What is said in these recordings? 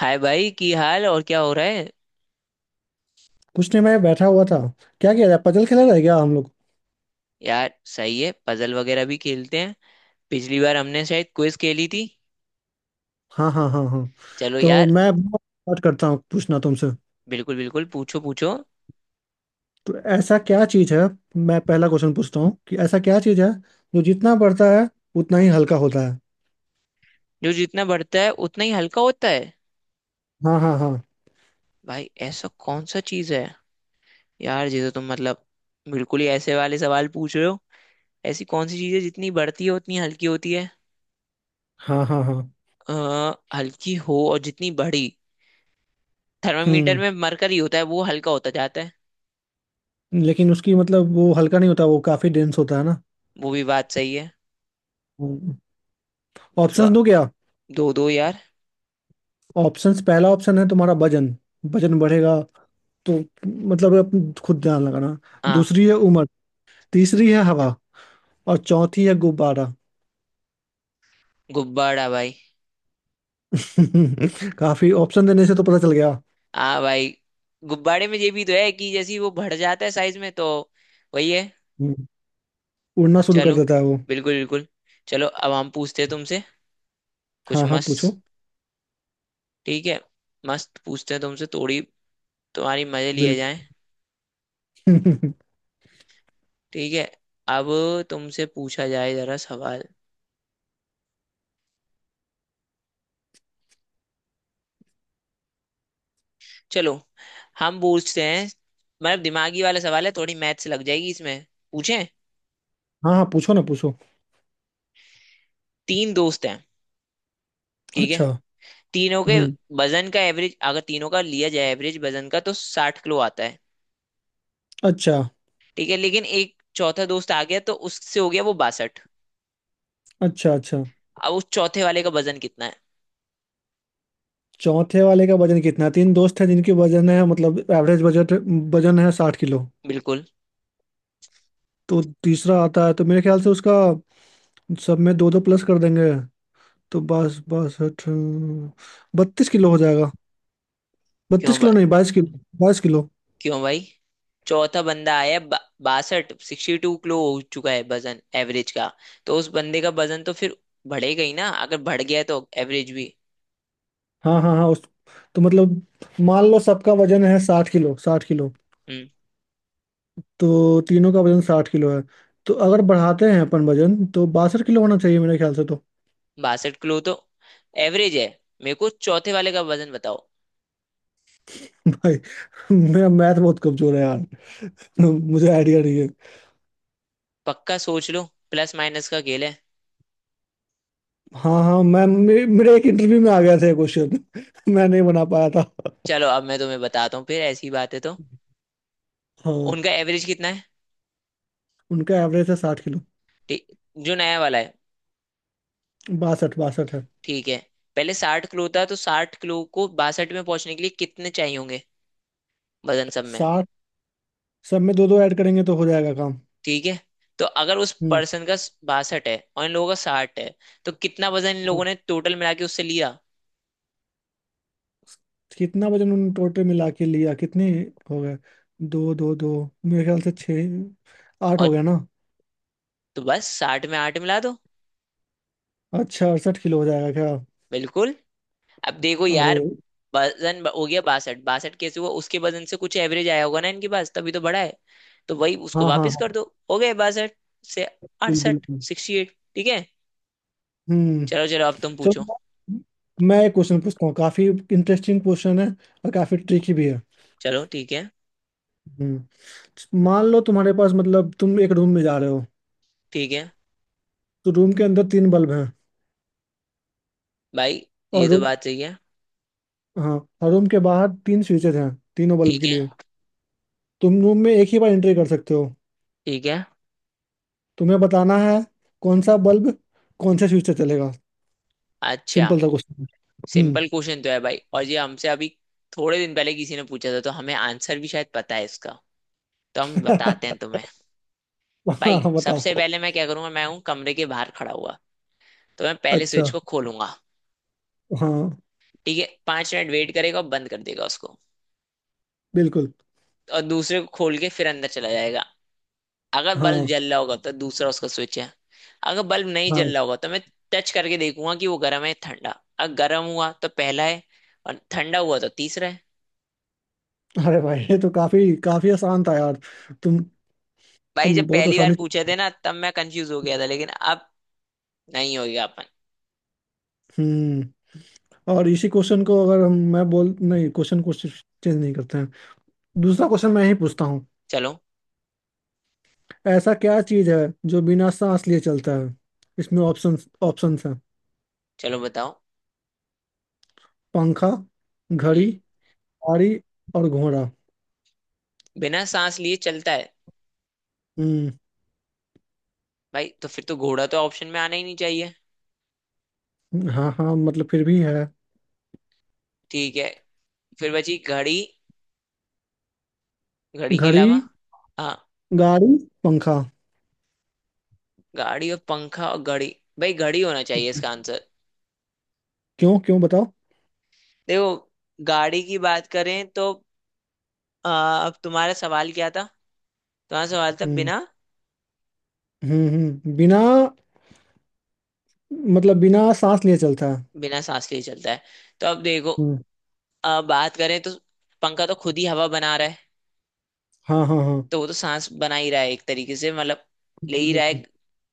हाय भाई की हाल और क्या हो रहा है। कुछ नहीं, मैं बैठा हुआ था। क्या किया जाए? पजल खेला जाए क्या हम लोग? यार सही है पजल वगैरह भी खेलते हैं। पिछली बार हमने शायद क्विज खेली थी। हाँ हाँ हाँ हाँ। चलो तो यार। मैं स्टार्ट करता हूँ पूछना तुमसे। बिल्कुल बिल्कुल पूछो पूछो। तो ऐसा क्या चीज है, मैं पहला क्वेश्चन पूछता हूँ कि ऐसा क्या चीज है जो जितना बढ़ता है उतना ही हल्का होता है? जो जितना बढ़ता है उतना ही हल्का होता है। हाँ हाँ हाँ भाई ऐसा कौन सा चीज है। यार जिसे तुम मतलब बिल्कुल ही ऐसे वाले सवाल पूछ रहे हो। ऐसी कौन सी चीज है जितनी बढ़ती है उतनी हल्की होती है। हाँ हाँ हाँ। हल्की हो और जितनी बड़ी थर्मामीटर हम्म में मरकरी होता है वो हल्का होता जाता है। लेकिन उसकी मतलब वो हल्का नहीं होता, वो काफी डेंस होता है ना। वो भी बात सही है। तो ऑप्शंस दो क्या? दो दो यार। ऑप्शंस, पहला ऑप्शन है तुम्हारा वजन। वजन बढ़ेगा तो, मतलब अब खुद ध्यान लगाना। हाँ। दूसरी है उम्र, तीसरी है हवा, और चौथी है गुब्बारा। गुब्बारा भाई। काफी ऑप्शन देने से तो पता चल गया। हाँ भाई। गुब्बारे में ये भी तो है कि जैसे ही वो बढ़ जाता है साइज में तो वही है। हम्म, उड़ना शुरू कर चलो देता है वो। बिल्कुल बिल्कुल। चलो अब हम पूछते हैं तुमसे कुछ हाँ हाँ पूछो। मस्त। ठीक है। मस्त पूछते हैं तुमसे थोड़ी। तुम्हारी मजे लिए जाएं। बिल्कुल। ठीक है। अब तुमसे पूछा जाए जरा सवाल। चलो हम पूछते हैं। मतलब दिमागी वाला सवाल है थोड़ी मैथ्स लग जाएगी इसमें। पूछें? हाँ हाँ, पूछो ना, पूछो। तीन दोस्त हैं। ठीक है। अच्छा। तीनों के हम्म। वजन का एवरेज अगर तीनों का लिया जाए एवरेज वजन का तो 60 किलो आता है। अच्छा, ठीक है लेकिन एक चौथा दोस्त आ गया तो उससे हो गया वो 62। अच्छा, अच्छा। अब उस चौथे वाले का वजन कितना है? चौथे वाले का वजन कितना? तीन दोस्त हैं जिनकी वजन है, मतलब एवरेज बजट, वजन है 60 किलो। बिल्कुल। तो तीसरा आता है तो मेरे ख्याल से उसका सब में दो दो प्लस कर देंगे, तो बस बस 32 किलो हो जाएगा। क्यों बत्तीस भाई? किलो नहीं, 22 किलो। 22 किलो। क्यों भाई? चौथा बंदा आया बासठ 62 किलो हो चुका है वजन एवरेज का। तो उस बंदे का वजन तो फिर बढ़ेगा ही ना अगर बढ़ गया है तो एवरेज भी। हाँ हाँ हाँ। उस, तो मतलब मान लो सबका वजन है 60 किलो, 60 किलो। हम्म तो तीनों का वजन 60 किलो है। तो अगर बढ़ाते हैं अपन वजन तो 62 किलो होना चाहिए मेरे ख्याल से तो। 62 किलो तो एवरेज है। मेरे को चौथे वाले का वजन बताओ। भाई मेरा मैथ बहुत कमजोर है यार, तो मुझे आइडिया नहीं है। पक्का सोच लो। प्लस माइनस का खेल है। हाँ हाँ, मेरे एक इंटरव्यू में आ गया था क्वेश्चन। मैं नहीं बना पाया था। चलो अब मैं तुम्हें बताता हूँ फिर ऐसी बात है तो। हाँ। उनका एवरेज कितना है? उनका एवरेज है 60 किलो। ठीक- जो नया वाला है। बासठ बासठ है। ठीक है। पहले 60 किलो था तो 60 किलो को 62 में पहुंचने के लिए कितने चाहिए होंगे वजन सब में? साठ। सब में दो दो ऐड करेंगे तो हो जाएगा काम। ठीक है। तो अगर उस पर्सन का 62 है और इन लोगों का 60 है तो कितना वजन इन हम्म। लोगों ने टोटल मिला के उससे लिया? कितना वजन उन्होंने टोटल मिला के लिया? कितने हो गए? दो दो दो, मेरे ख्याल से छः आठ और? हो गया ना। तो बस साठ में आठ मिला दो। अच्छा, 68 किलो हो जाएगा क्या? बिल्कुल। अब देखो अरे। यार हो गया 62। 62 कैसे हुआ उसके वजन से कुछ एवरेज आया होगा ना इनके पास तभी तो बड़ा है। तो वही उसको हाँ हाँ वापस हाँ। कर दो। हो गए 62 से बिल्कुल, 68 बिल्कुल। 68। ठीक है। हम्म। चलो चलो अब तुम चलो। पूछो। मैं मैं एक क्वेश्चन पूछता हूँ, काफी इंटरेस्टिंग क्वेश्चन है और काफी ट्रिकी भी है। चलो ठीक है। मान लो तुम्हारे पास, मतलब तुम एक रूम में जा रहे हो। ठीक है तो रूम के अंदर तीन बल्ब हैं। भाई और ये तो रूम बात सही है। हाँ। और रूम के बाहर तीन स्विचेज हैं, तीनों बल्ब ठीक के है। लिए। तुम रूम में एक ही बार एंट्री कर सकते हो। ठीक है। तुम्हें बताना है कौन सा बल्ब कौन से स्विच से चलेगा। अच्छा। सिंपल सा क्वेश्चन। हम्म। सिंपल क्वेश्चन तो है भाई और ये हमसे अभी थोड़े दिन पहले किसी ने पूछा था तो हमें आंसर भी शायद पता है इसका। तो हम बताते हैं तुम्हें। भाई हाँ, सबसे बताओ। पहले मैं क्या करूंगा मैं हूँ कमरे के बाहर खड़ा हुआ तो मैं पहले अच्छा। स्विच को खोलूंगा। हाँ। ठीक है 5 मिनट वेट करेगा और बंद कर देगा उसको। बिल्कुल। और दूसरे को खोल के फिर अंदर चला जाएगा। अगर बल्ब हाँ जल रहा होगा तो दूसरा उसका स्विच है। अगर बल्ब नहीं जल हाँ। रहा होगा तो मैं टच करके देखूंगा कि वो गर्म है या ठंडा। अगर गर्म हुआ तो पहला है और ठंडा हुआ तो तीसरा है। अरे भाई ये तो काफी काफी आसान था यार। तुम भाई जब तुम बहुत पहली बार आसानी से। पूछे थे ना तब मैं कंफ्यूज हो गया था लेकिन अब नहीं होगा अपन। हम्म। और इसी क्वेश्चन को, अगर हम, मैं बोल नहीं, क्वेश्चन को चेंज नहीं करते हैं, दूसरा क्वेश्चन मैं ही पूछता हूँ। चलो। ऐसा क्या चीज है जो बिना सांस लिए चलता है? इसमें ऑप्शंस, ऑप्शंस हैं। चलो बताओ। पंखा, हम्म। घड़ी, गाड़ी, और घोड़ा। बिना सांस लिए चलता है। हम्म। भाई तो फिर तो घोड़ा तो ऑप्शन में आना ही नहीं चाहिए। हाँ हाँ, मतलब फिर भी है। ठीक है। फिर बची घड़ी। घड़ी के घड़ी, अलावा। हाँ। गाड़ी, पंखा। गाड़ी और पंखा और घड़ी। भाई घड़ी होना चाहिए इसका आंसर। क्यों? क्यों बताओ। देखो गाड़ी की बात करें तो अ, अब तुम्हारा सवाल क्या था। तुम्हारा सवाल था हम्म बिना हम्म। बिना, मतलब बिना सांस लिए चलता है। बिना सांस लिए चलता है। तो अब देखो हम्म। बात करें तो पंखा तो खुद ही हवा बना रहा है। हाँ हाँ हाँ। तो वो तो सांस बना ही रहा है एक तरीके से मतलब ले बिल्कुल, ही रहा है। बिल्कुल।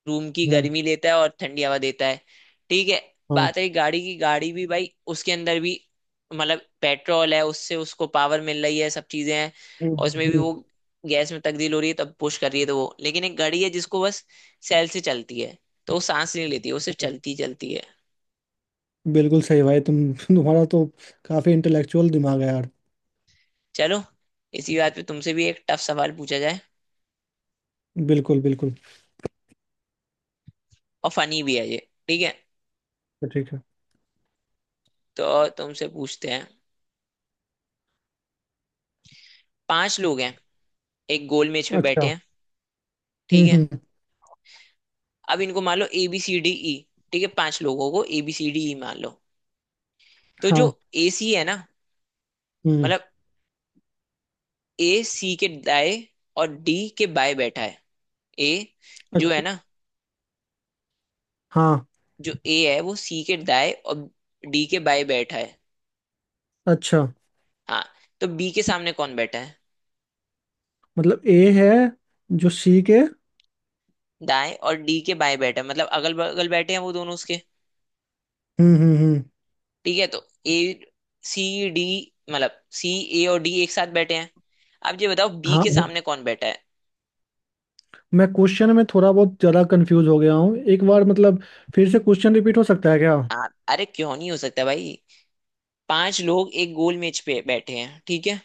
रूम की हम्म। गर्मी लेता है और ठंडी हवा देता है। ठीक है। हाँ। बात रही गाड़ी की गाड़ी भी भाई उसके अंदर भी मतलब पेट्रोल है उससे उसको पावर मिल रही है सब चीजें हैं। हम्म, और उसमें भी हम्म। वो गैस में तब्दील हो रही है तब पुश कर रही है तो वो। लेकिन एक गाड़ी है जिसको बस सेल से चलती है। तो वो सांस नहीं लेती वो सिर्फ चलती ही चलती है। बिल्कुल सही भाई, तुम्हारा तो काफी इंटेलेक्चुअल दिमाग है यार। चलो इसी बात पे तुमसे भी एक टफ सवाल पूछा जाए। बिल्कुल बिल्कुल। और फनी भी है ये। ठीक है। तो ठीक है। तो तुमसे पूछते हैं। पांच लोग हैं एक गोल मेज पे बैठे अच्छा। हैं। ठीक है। हम्म। अब इनको मान लो A B C D E. ठीक है पांच लोगों को A B C D E मान लो। तो जो हाँ। ए सी है ना हम्म। मतलब ए सी के दाएं और डी के बाएं बैठा है ए जो है अच्छा, ना हाँ। जो ए है वो सी के दाएं और डी के बाएं बैठा है। अच्छा, हाँ। तो बी के सामने कौन बैठा है मतलब ए है जो सी के। दाएं और डी के बाएं बैठा है मतलब अगल बगल बैठे हैं वो दोनों उसके। हम्म। ठीक है तो ए सी डी मतलब सी ए और डी एक साथ बैठे हैं। अब ये बताओ बी के हाँ। सामने कौन बैठा है? मैं क्वेश्चन में थोड़ा बहुत ज्यादा कंफ्यूज हो गया हूँ एक बार, मतलब फिर से क्वेश्चन रिपीट हो सकता है क्या? हाँ अरे क्यों नहीं हो सकता भाई। पांच लोग एक गोल मेज पे बैठे हैं ठीक है।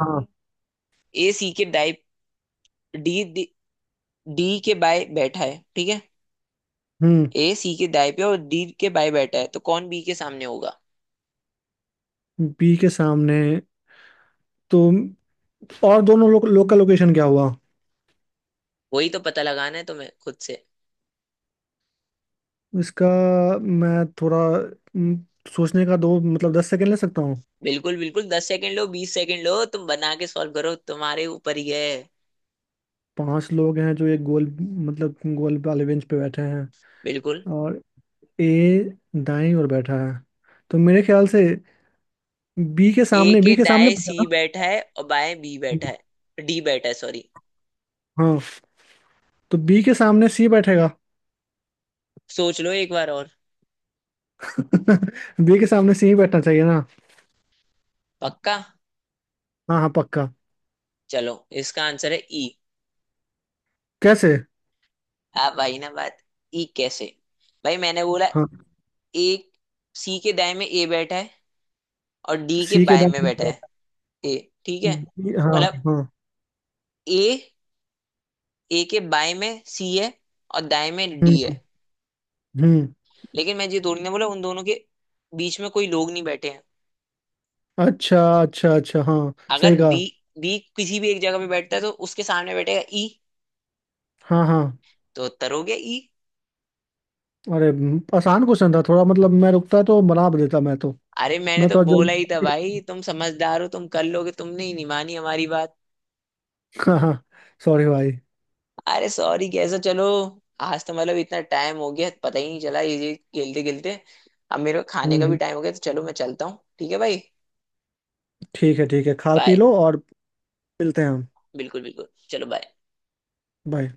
हाँ। ए सी के दाई डी डी डी के बाय बैठा है ठीक है। हम्म। ए सी के दाई पे और डी के बाय बैठा है तो कौन बी के सामने होगा? बी के सामने तो, और दोनों लोग लोकल लोकेशन क्या हुआ वही तो पता लगाना है तुम्हें खुद से। इसका? मैं थोड़ा हम्म, सोचने का दो, मतलब 10 सेकंड ले सकता हूँ। बिल्कुल बिल्कुल 10 सेकंड लो 20 सेकंड लो तुम बना के सॉल्व करो तुम्हारे ऊपर ही है। पांच लोग हैं जो एक गोल, मतलब गोल वाले बेंच पे बैठे हैं। बिल्कुल। और ए दाईं ओर बैठा है, तो मेरे ख्याल से बी के ए सामने, के बी के सामने दाएं पूछा ना? सी बैठा है और बाएं बी बैठा है डी बैठा है सॉरी। हाँ। तो बी के सामने सी बैठेगा। सोच लो एक बार और। बी के सामने सी ही बैठना चाहिए ना? पक्का। हाँ हाँ पक्का। चलो इसका आंसर है ई। कैसे? अब भाई ना बात ई कैसे। भाई मैंने बोला हाँ। एक सी के दाएं में ए बैठा है और डी के सी के बाएं दांत में नहीं बैठा है बैठा। ए। ठीक है हाँ मतलब हाँ हाँ। ए ए के बाएं में सी है और दाएं में डी है। हम्म हम्म। लेकिन मैं ये थोड़ी ना बोला उन दोनों के बीच में कोई लोग नहीं बैठे हैं। अच्छा, अच्छा, अच्छा। हाँ, सही अगर बी कहा। बी किसी भी एक जगह पे बैठता है तो उसके सामने बैठेगा ई। हाँ हाँ। तो उत्तर हो गया ई। अरे, आसान क्वेश्चन था थोड़ा, मतलब मैं रुकता तो बना भी देता, मैं तो। अरे मैंने मैं तो तो बोला ही था जल्दी। भाई तुम समझदार हो तुम कर लोगे तुमने ही नहीं मानी हमारी बात। हाँ हाँ। सॉरी भाई। अरे सॉरी कैसा चलो। आज तो मतलब इतना टाइम हो गया पता ही नहीं चला ये खेलते खेलते। अब मेरे को खाने हम्म का भी हम्म, टाइम हो गया तो चलो मैं चलता हूँ ठीक है भाई। ठीक है, ठीक है। खा पी बाय। लो और मिलते हैं हम। बिल्कुल बिल्कुल चलो बाय। बाय।